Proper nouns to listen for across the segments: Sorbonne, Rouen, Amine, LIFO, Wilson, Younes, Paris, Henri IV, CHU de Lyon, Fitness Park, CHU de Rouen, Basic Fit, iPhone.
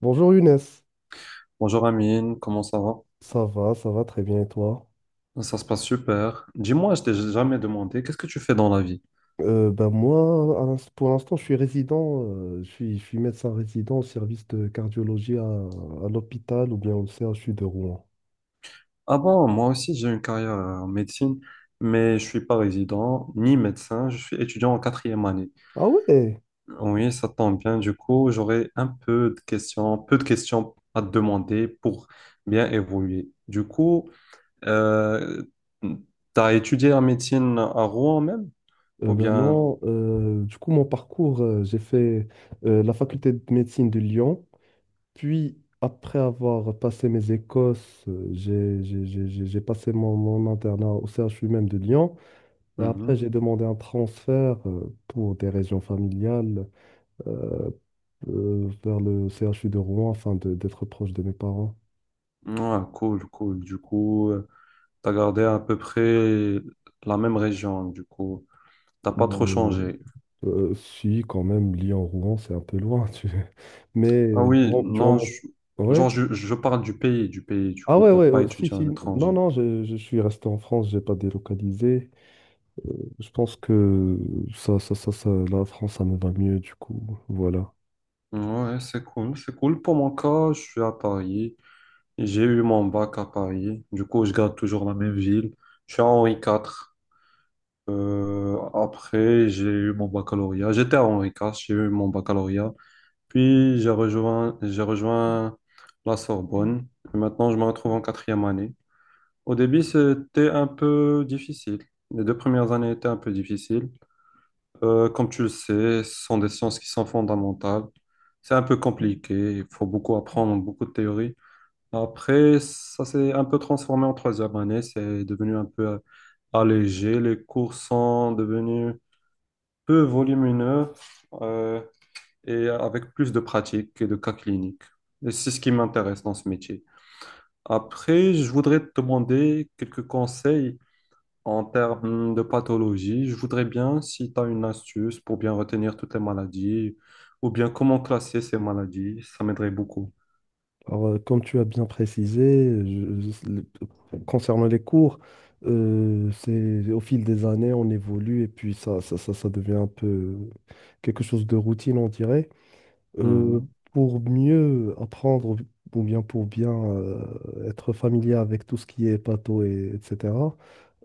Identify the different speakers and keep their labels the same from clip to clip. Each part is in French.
Speaker 1: Bonjour Younes,
Speaker 2: Bonjour Amine, comment ça va?
Speaker 1: ça va très bien et toi?
Speaker 2: Ça se passe super. Dis-moi, je t'ai jamais demandé, qu'est-ce que tu fais dans la vie?
Speaker 1: Ben moi, pour l'instant, je suis résident, je suis médecin résident au service de cardiologie à l'hôpital ou bien au CHU de Rouen.
Speaker 2: Ah bon, moi aussi j'ai une carrière en médecine, mais je suis pas résident ni médecin, je suis étudiant en quatrième année.
Speaker 1: Ah ouais?
Speaker 2: Oui, ça tombe bien, du coup, j'aurai un peu de questions à te demander pour bien évoluer. Du coup, euh, t'as étudié la médecine à Rouen même? Ou
Speaker 1: Ben
Speaker 2: bien...
Speaker 1: non, du coup, mon parcours, j'ai fait la faculté de médecine de Lyon, puis après avoir passé mes écosses, j'ai passé mon internat au CHU même de Lyon. Et après,
Speaker 2: Mhm.
Speaker 1: j'ai demandé un transfert pour des raisons familiales euh, vers le CHU de Rouen d'être proche de mes parents.
Speaker 2: Ah, cool, cool. Du coup. T'as gardé à peu près la même région, du coup. T'as pas trop
Speaker 1: Euh,
Speaker 2: changé.
Speaker 1: Si, quand même, Lyon-Rouen, c'est un peu loin. Mais
Speaker 2: Ah oui,
Speaker 1: durant, durant
Speaker 2: non,
Speaker 1: Ouais.
Speaker 2: genre, je parle du pays, du pays, du
Speaker 1: Ah
Speaker 2: coup.
Speaker 1: ouais,
Speaker 2: T'as
Speaker 1: ouais,
Speaker 2: pas
Speaker 1: oh, si,
Speaker 2: étudié à
Speaker 1: si. Non,
Speaker 2: l'étranger.
Speaker 1: non, je suis resté en France, j'ai pas délocalisé. Euh, Je pense que la France, ça me va mieux, du coup. Voilà.
Speaker 2: Ouais, c'est cool, c'est cool. Pour mon cas, je suis à Paris. J'ai eu mon bac à Paris. Du coup, je garde toujours la même ville. Je suis à Henri IV. Après, j'ai eu mon baccalauréat. J'étais à Henri IV, j'ai eu mon baccalauréat. Puis, j'ai rejoint la Sorbonne. Et maintenant, je me retrouve en quatrième année. Au début, c'était un peu difficile. Les deux premières années étaient un peu difficiles. Comme tu le sais, ce sont des sciences qui sont fondamentales. C'est un peu compliqué, il faut beaucoup apprendre, beaucoup de théorie. Après, ça s'est un peu transformé en troisième année, c'est devenu un peu allégé. Les cours sont devenus peu volumineux euh, et avec plus de pratique et de cas cliniques. Et c'est ce qui m'intéresse dans ce métier. Après, je voudrais te demander quelques conseils. En termes de pathologie, je voudrais bien, si tu as une astuce pour bien retenir toutes les maladies, ou bien comment classer ces maladies, ça m'aiderait beaucoup.
Speaker 1: Alors, comme tu as bien précisé, concernant les cours, c'est au fil des années, on évolue et puis ça devient un peu quelque chose de routine, on dirait. Euh,
Speaker 2: Mhm,
Speaker 1: pour mieux apprendre ou bien pour bien être familier avec tout ce qui est pato et etc.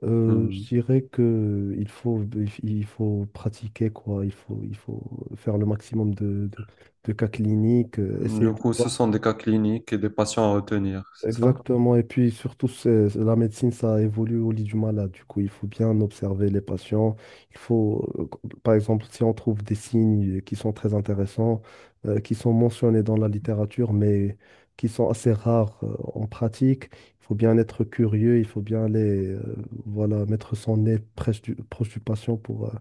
Speaker 1: Je dirais que il faut pratiquer quoi, il faut faire le maximum de cas cliniques,
Speaker 2: mhm.
Speaker 1: essayer
Speaker 2: Du
Speaker 1: de
Speaker 2: coup, ce
Speaker 1: voir.
Speaker 2: sont des cas cliniques et des patients à retenir, c'est ça?
Speaker 1: Exactement. Et puis surtout, la médecine, ça évolue au lit du malade. Du coup, il faut bien observer les patients. Il faut, par exemple, si on trouve des signes qui sont très intéressants, qui sont mentionnés dans la littérature, mais qui sont assez rares, en pratique, il faut bien être curieux, il faut bien aller, voilà, mettre son nez proche du patient pour, euh,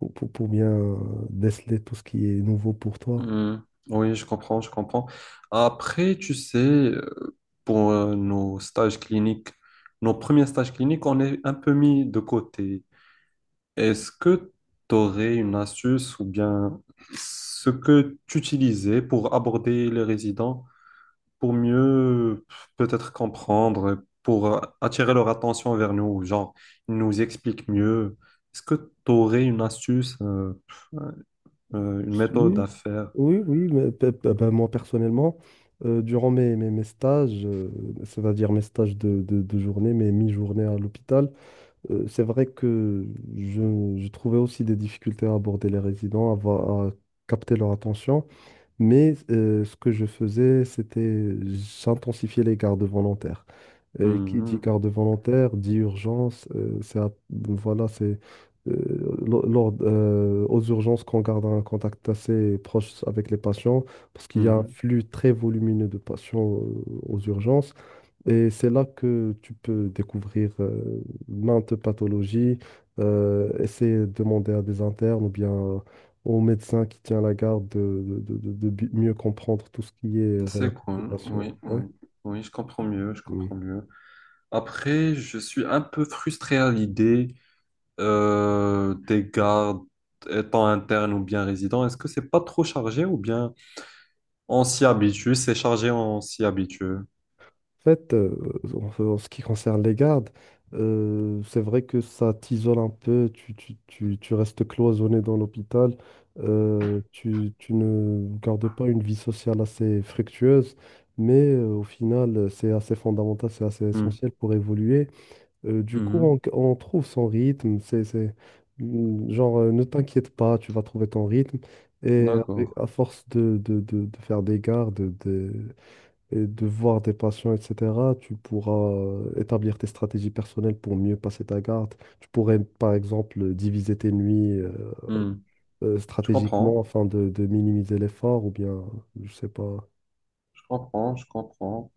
Speaker 1: pour, pour- pour bien euh, déceler tout ce qui est nouveau pour toi.
Speaker 2: Mhm. Oui, je comprends, je comprends. Après, tu sais, pour nos stages cliniques, nos premiers stages cliniques, on est un peu mis de côté. Est-ce que tu aurais une astuce ou bien ce que tu utilisais pour aborder les résidents, pour mieux peut-être comprendre, pour attirer leur attention vers nous, genre ils nous expliquent mieux. Est-ce que tu aurais une astuce, une méthode à
Speaker 1: Si.
Speaker 2: faire?
Speaker 1: Oui, oui, mais ben, moi personnellement, durant mes stages, c'est-à-dire mes stages de journée, mes mi-journées à l'hôpital, c'est vrai que je trouvais aussi des difficultés à aborder les résidents, à capter leur attention, mais ce que je faisais, c'était j'intensifiais les gardes volontaires. Et qui dit
Speaker 2: Mhm,
Speaker 1: garde volontaire dit urgence. Voilà, euh, lors, aux urgences qu'on garde un contact assez proche avec les patients parce qu'il y a un
Speaker 2: mhm.
Speaker 1: flux très volumineux de patients aux urgences. Et c'est là que tu peux découvrir maintes pathologies, essayer de demander à des internes ou bien au médecin qui tient la garde mieux comprendre tout ce qui est
Speaker 2: C'est
Speaker 1: relatif aux
Speaker 2: cool,
Speaker 1: patients.
Speaker 2: oui,
Speaker 1: Ouais.
Speaker 2: oui, oui, je comprends mieux, je comprends mieux. Après, je suis un peu frustré à l'idée tes gardes étant internes ou bien résidents, est-ce que c'est pas trop chargé ou bien on s'y habitue, c'est chargé, on s'y habitue?
Speaker 1: En fait, en ce qui concerne les gardes, c'est vrai que ça t'isole un peu, tu restes cloisonné dans l'hôpital, tu ne gardes pas une vie sociale assez fructueuse, mais au final, c'est assez fondamental, c'est assez
Speaker 2: Hmm.
Speaker 1: essentiel pour évoluer. Du coup,
Speaker 2: Mhm.
Speaker 1: on trouve son rythme. Genre, ne t'inquiète pas, tu vas trouver ton rythme. Et
Speaker 2: D'accord.
Speaker 1: à force de faire des gardes, de et de voir des patients, etc., tu pourras établir tes stratégies personnelles pour mieux passer ta garde. Tu pourrais, par exemple, diviser tes nuits
Speaker 2: Hmm. Je
Speaker 1: stratégiquement
Speaker 2: comprends,
Speaker 1: afin de minimiser l'effort ou bien, je sais pas.
Speaker 2: je comprends, je comprends.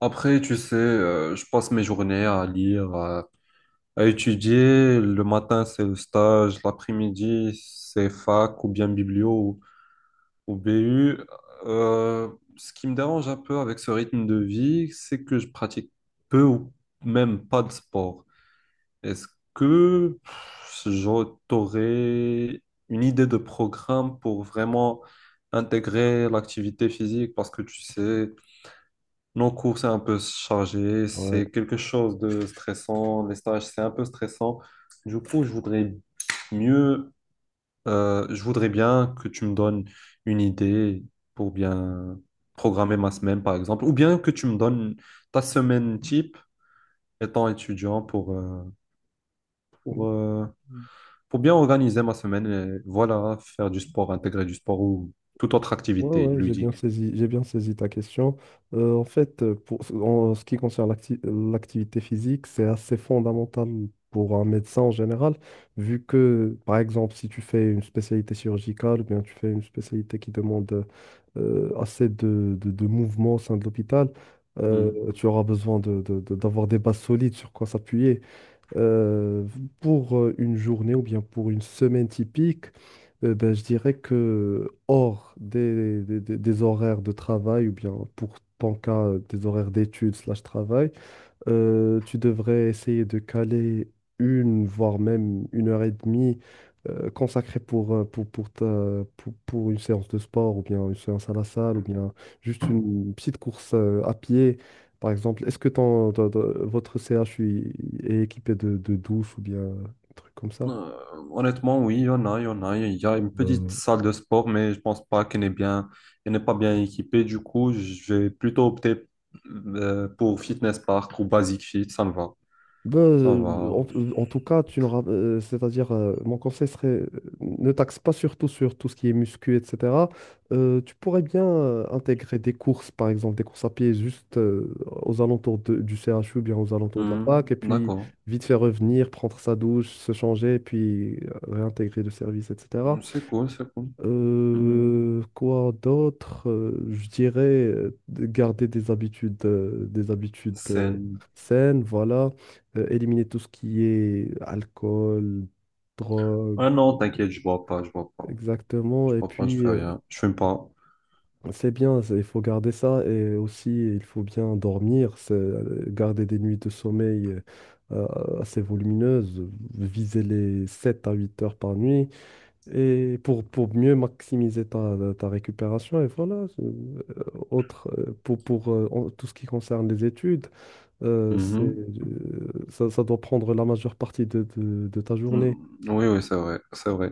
Speaker 2: Après, tu sais, je passe mes journées à lire, à étudier. Le matin, c'est le stage, l'après-midi, c'est fac ou bien biblio au BU, euh, ce qui me dérange un peu avec ce rythme de vie, c'est que je pratique peu ou même pas de sport. Est-ce que pff, j'aurais une idée de programme pour vraiment intégrer l'activité physique? Parce que tu sais, nos cours, c'est un peu chargé,
Speaker 1: Ouais.
Speaker 2: c'est quelque chose de stressant, les stages, c'est un peu stressant. Du coup, je voudrais mieux je voudrais bien que tu me donnes une idée pour bien programmer ma semaine, par exemple, ou bien que tu me donnes ta semaine type étant étudiant pour, euh, pour bien organiser ma semaine et voilà, faire du sport, intégrer du sport ou toute autre
Speaker 1: Ouais,
Speaker 2: activité
Speaker 1: ouais,
Speaker 2: ludique.
Speaker 1: j'ai bien saisi ta question. En fait, en ce qui concerne l'activité physique, c'est assez fondamental pour un médecin en général, vu que, par exemple, si tu fais une spécialité chirurgicale, ou bien tu fais une spécialité qui demande assez de mouvements au sein de l'hôpital,
Speaker 2: Mhm.
Speaker 1: tu auras besoin d'avoir des bases solides sur quoi s'appuyer. Euh, pour une journée ou bien pour une semaine typique, ben, je dirais que hors des horaires de travail ou bien pour ton cas, des horaires d'études slash travail, tu devrais essayer de caler une, voire même 1 h 30 consacrée pour une séance de sport ou bien une séance à la salle ou bien juste une petite course à pied. Par exemple, est-ce que votre CHU est équipé de douche ou bien un truc comme ça?
Speaker 2: Euh, Honnêtement, oui, il y en a, il y en a. Il y a une petite salle de sport, mais je pense pas qu'elle n'est bien, elle n'est pas bien équipée. Du coup, je vais plutôt opter pour Fitness Park ou Basic Fit, ça me va.
Speaker 1: Ben,
Speaker 2: Ça va.
Speaker 1: en tout cas, c'est-à-dire, mon conseil serait, ne taxe pas surtout sur tout ce qui est muscu, etc. Tu pourrais bien intégrer des courses, par exemple, des courses à pied juste aux alentours du CHU ou bien aux alentours de la
Speaker 2: Hmm,
Speaker 1: fac, et puis
Speaker 2: d'accord.
Speaker 1: vite faire revenir, prendre sa douche, se changer, et puis réintégrer le service, etc.
Speaker 2: Hmm, c'est cool, c'est cool. Hmm,
Speaker 1: Quoi d'autre? Je dirais de garder des habitudes
Speaker 2: scène.
Speaker 1: saines, voilà. Éliminer tout ce qui est alcool, drogue.
Speaker 2: Ah non, t'inquiète, je bois pas, je bois pas.
Speaker 1: Exactement.
Speaker 2: Je
Speaker 1: Et
Speaker 2: bois pas, je
Speaker 1: puis,
Speaker 2: fais rien. Je fume pas.
Speaker 1: c'est bien, il faut garder ça. Et aussi, il faut bien dormir, garder des nuits de sommeil euh, assez volumineuses, viser les 7 à 8 heures par nuit. Et pour mieux maximiser ta récupération, et voilà, c'est- autre, pour en- tout ce qui concerne les études,
Speaker 2: Mhm.
Speaker 1: ça doit prendre la majeure partie de ta
Speaker 2: Hmm,
Speaker 1: journée.
Speaker 2: oui, oui, c'est vrai, c'est vrai.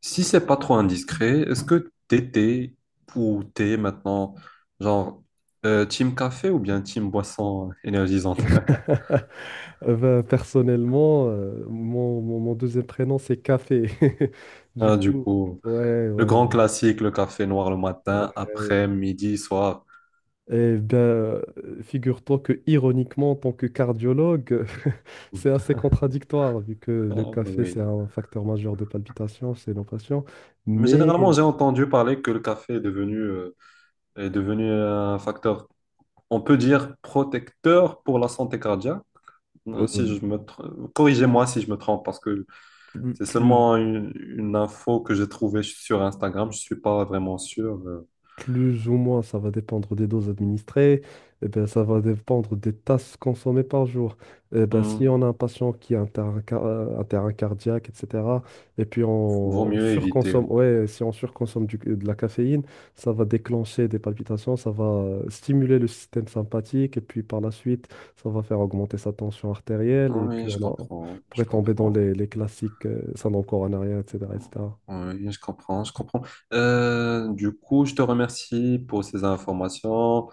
Speaker 2: Si c'est pas trop indiscret, est-ce que t'étais ou t'es maintenant, genre, team café ou bien team boisson énergisante?
Speaker 1: Ben, personnellement, mon deuxième prénom, c'est Café. Du
Speaker 2: Ah, du
Speaker 1: coup,
Speaker 2: coup,
Speaker 1: ouais,
Speaker 2: le
Speaker 1: ouais,
Speaker 2: grand
Speaker 1: ouais.
Speaker 2: classique, le café noir le matin,
Speaker 1: Ouais.
Speaker 2: après, midi, soir.
Speaker 1: Eh bien, figure-toi que ironiquement, en tant que cardiologue, c'est assez contradictoire, vu que le
Speaker 2: Ah, bah
Speaker 1: café, c'est
Speaker 2: oui.
Speaker 1: un facteur majeur de palpitation, c'est l'opation.
Speaker 2: Mais
Speaker 1: Mais
Speaker 2: généralement, j'ai entendu parler que le café est est devenu un facteur, on peut dire, protecteur pour la santé cardiaque.
Speaker 1: euh,
Speaker 2: Si je me corrigez-moi
Speaker 1: plus,
Speaker 2: si je me trompe, parce que
Speaker 1: plus-
Speaker 2: c'est
Speaker 1: plus
Speaker 2: seulement une info que j'ai trouvée sur Instagram. Je suis pas vraiment sûr.
Speaker 1: Plus ou moins, ça va dépendre des doses administrées, et ben, ça va dépendre des tasses consommées par jour. Et ben, si
Speaker 2: Hmm,
Speaker 1: on a un patient qui a un terrain cardiaque, etc., et puis
Speaker 2: vaut
Speaker 1: on
Speaker 2: mieux éviter.
Speaker 1: surconsomme,
Speaker 2: Ouais.
Speaker 1: ouais, si on surconsomme de la caféine, ça va déclencher des palpitations, ça va stimuler le système sympathique, et puis par la suite, ça va faire augmenter sa tension artérielle, et
Speaker 2: Oui,
Speaker 1: puis
Speaker 2: je
Speaker 1: on
Speaker 2: comprends, je
Speaker 1: pourrait tomber dans
Speaker 2: comprends.
Speaker 1: les classiques syndrome coronarien, etc., etc.
Speaker 2: Oui, je comprends, je comprends. Du coup, je te remercie pour ces informations.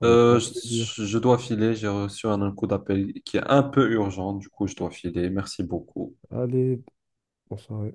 Speaker 1: Avec grand
Speaker 2: Euh,
Speaker 1: plaisir.
Speaker 2: je dois filer, j'ai reçu un coup d'appel qui est un peu urgent, du coup je dois filer. Merci beaucoup.
Speaker 1: Allez, bonsoir.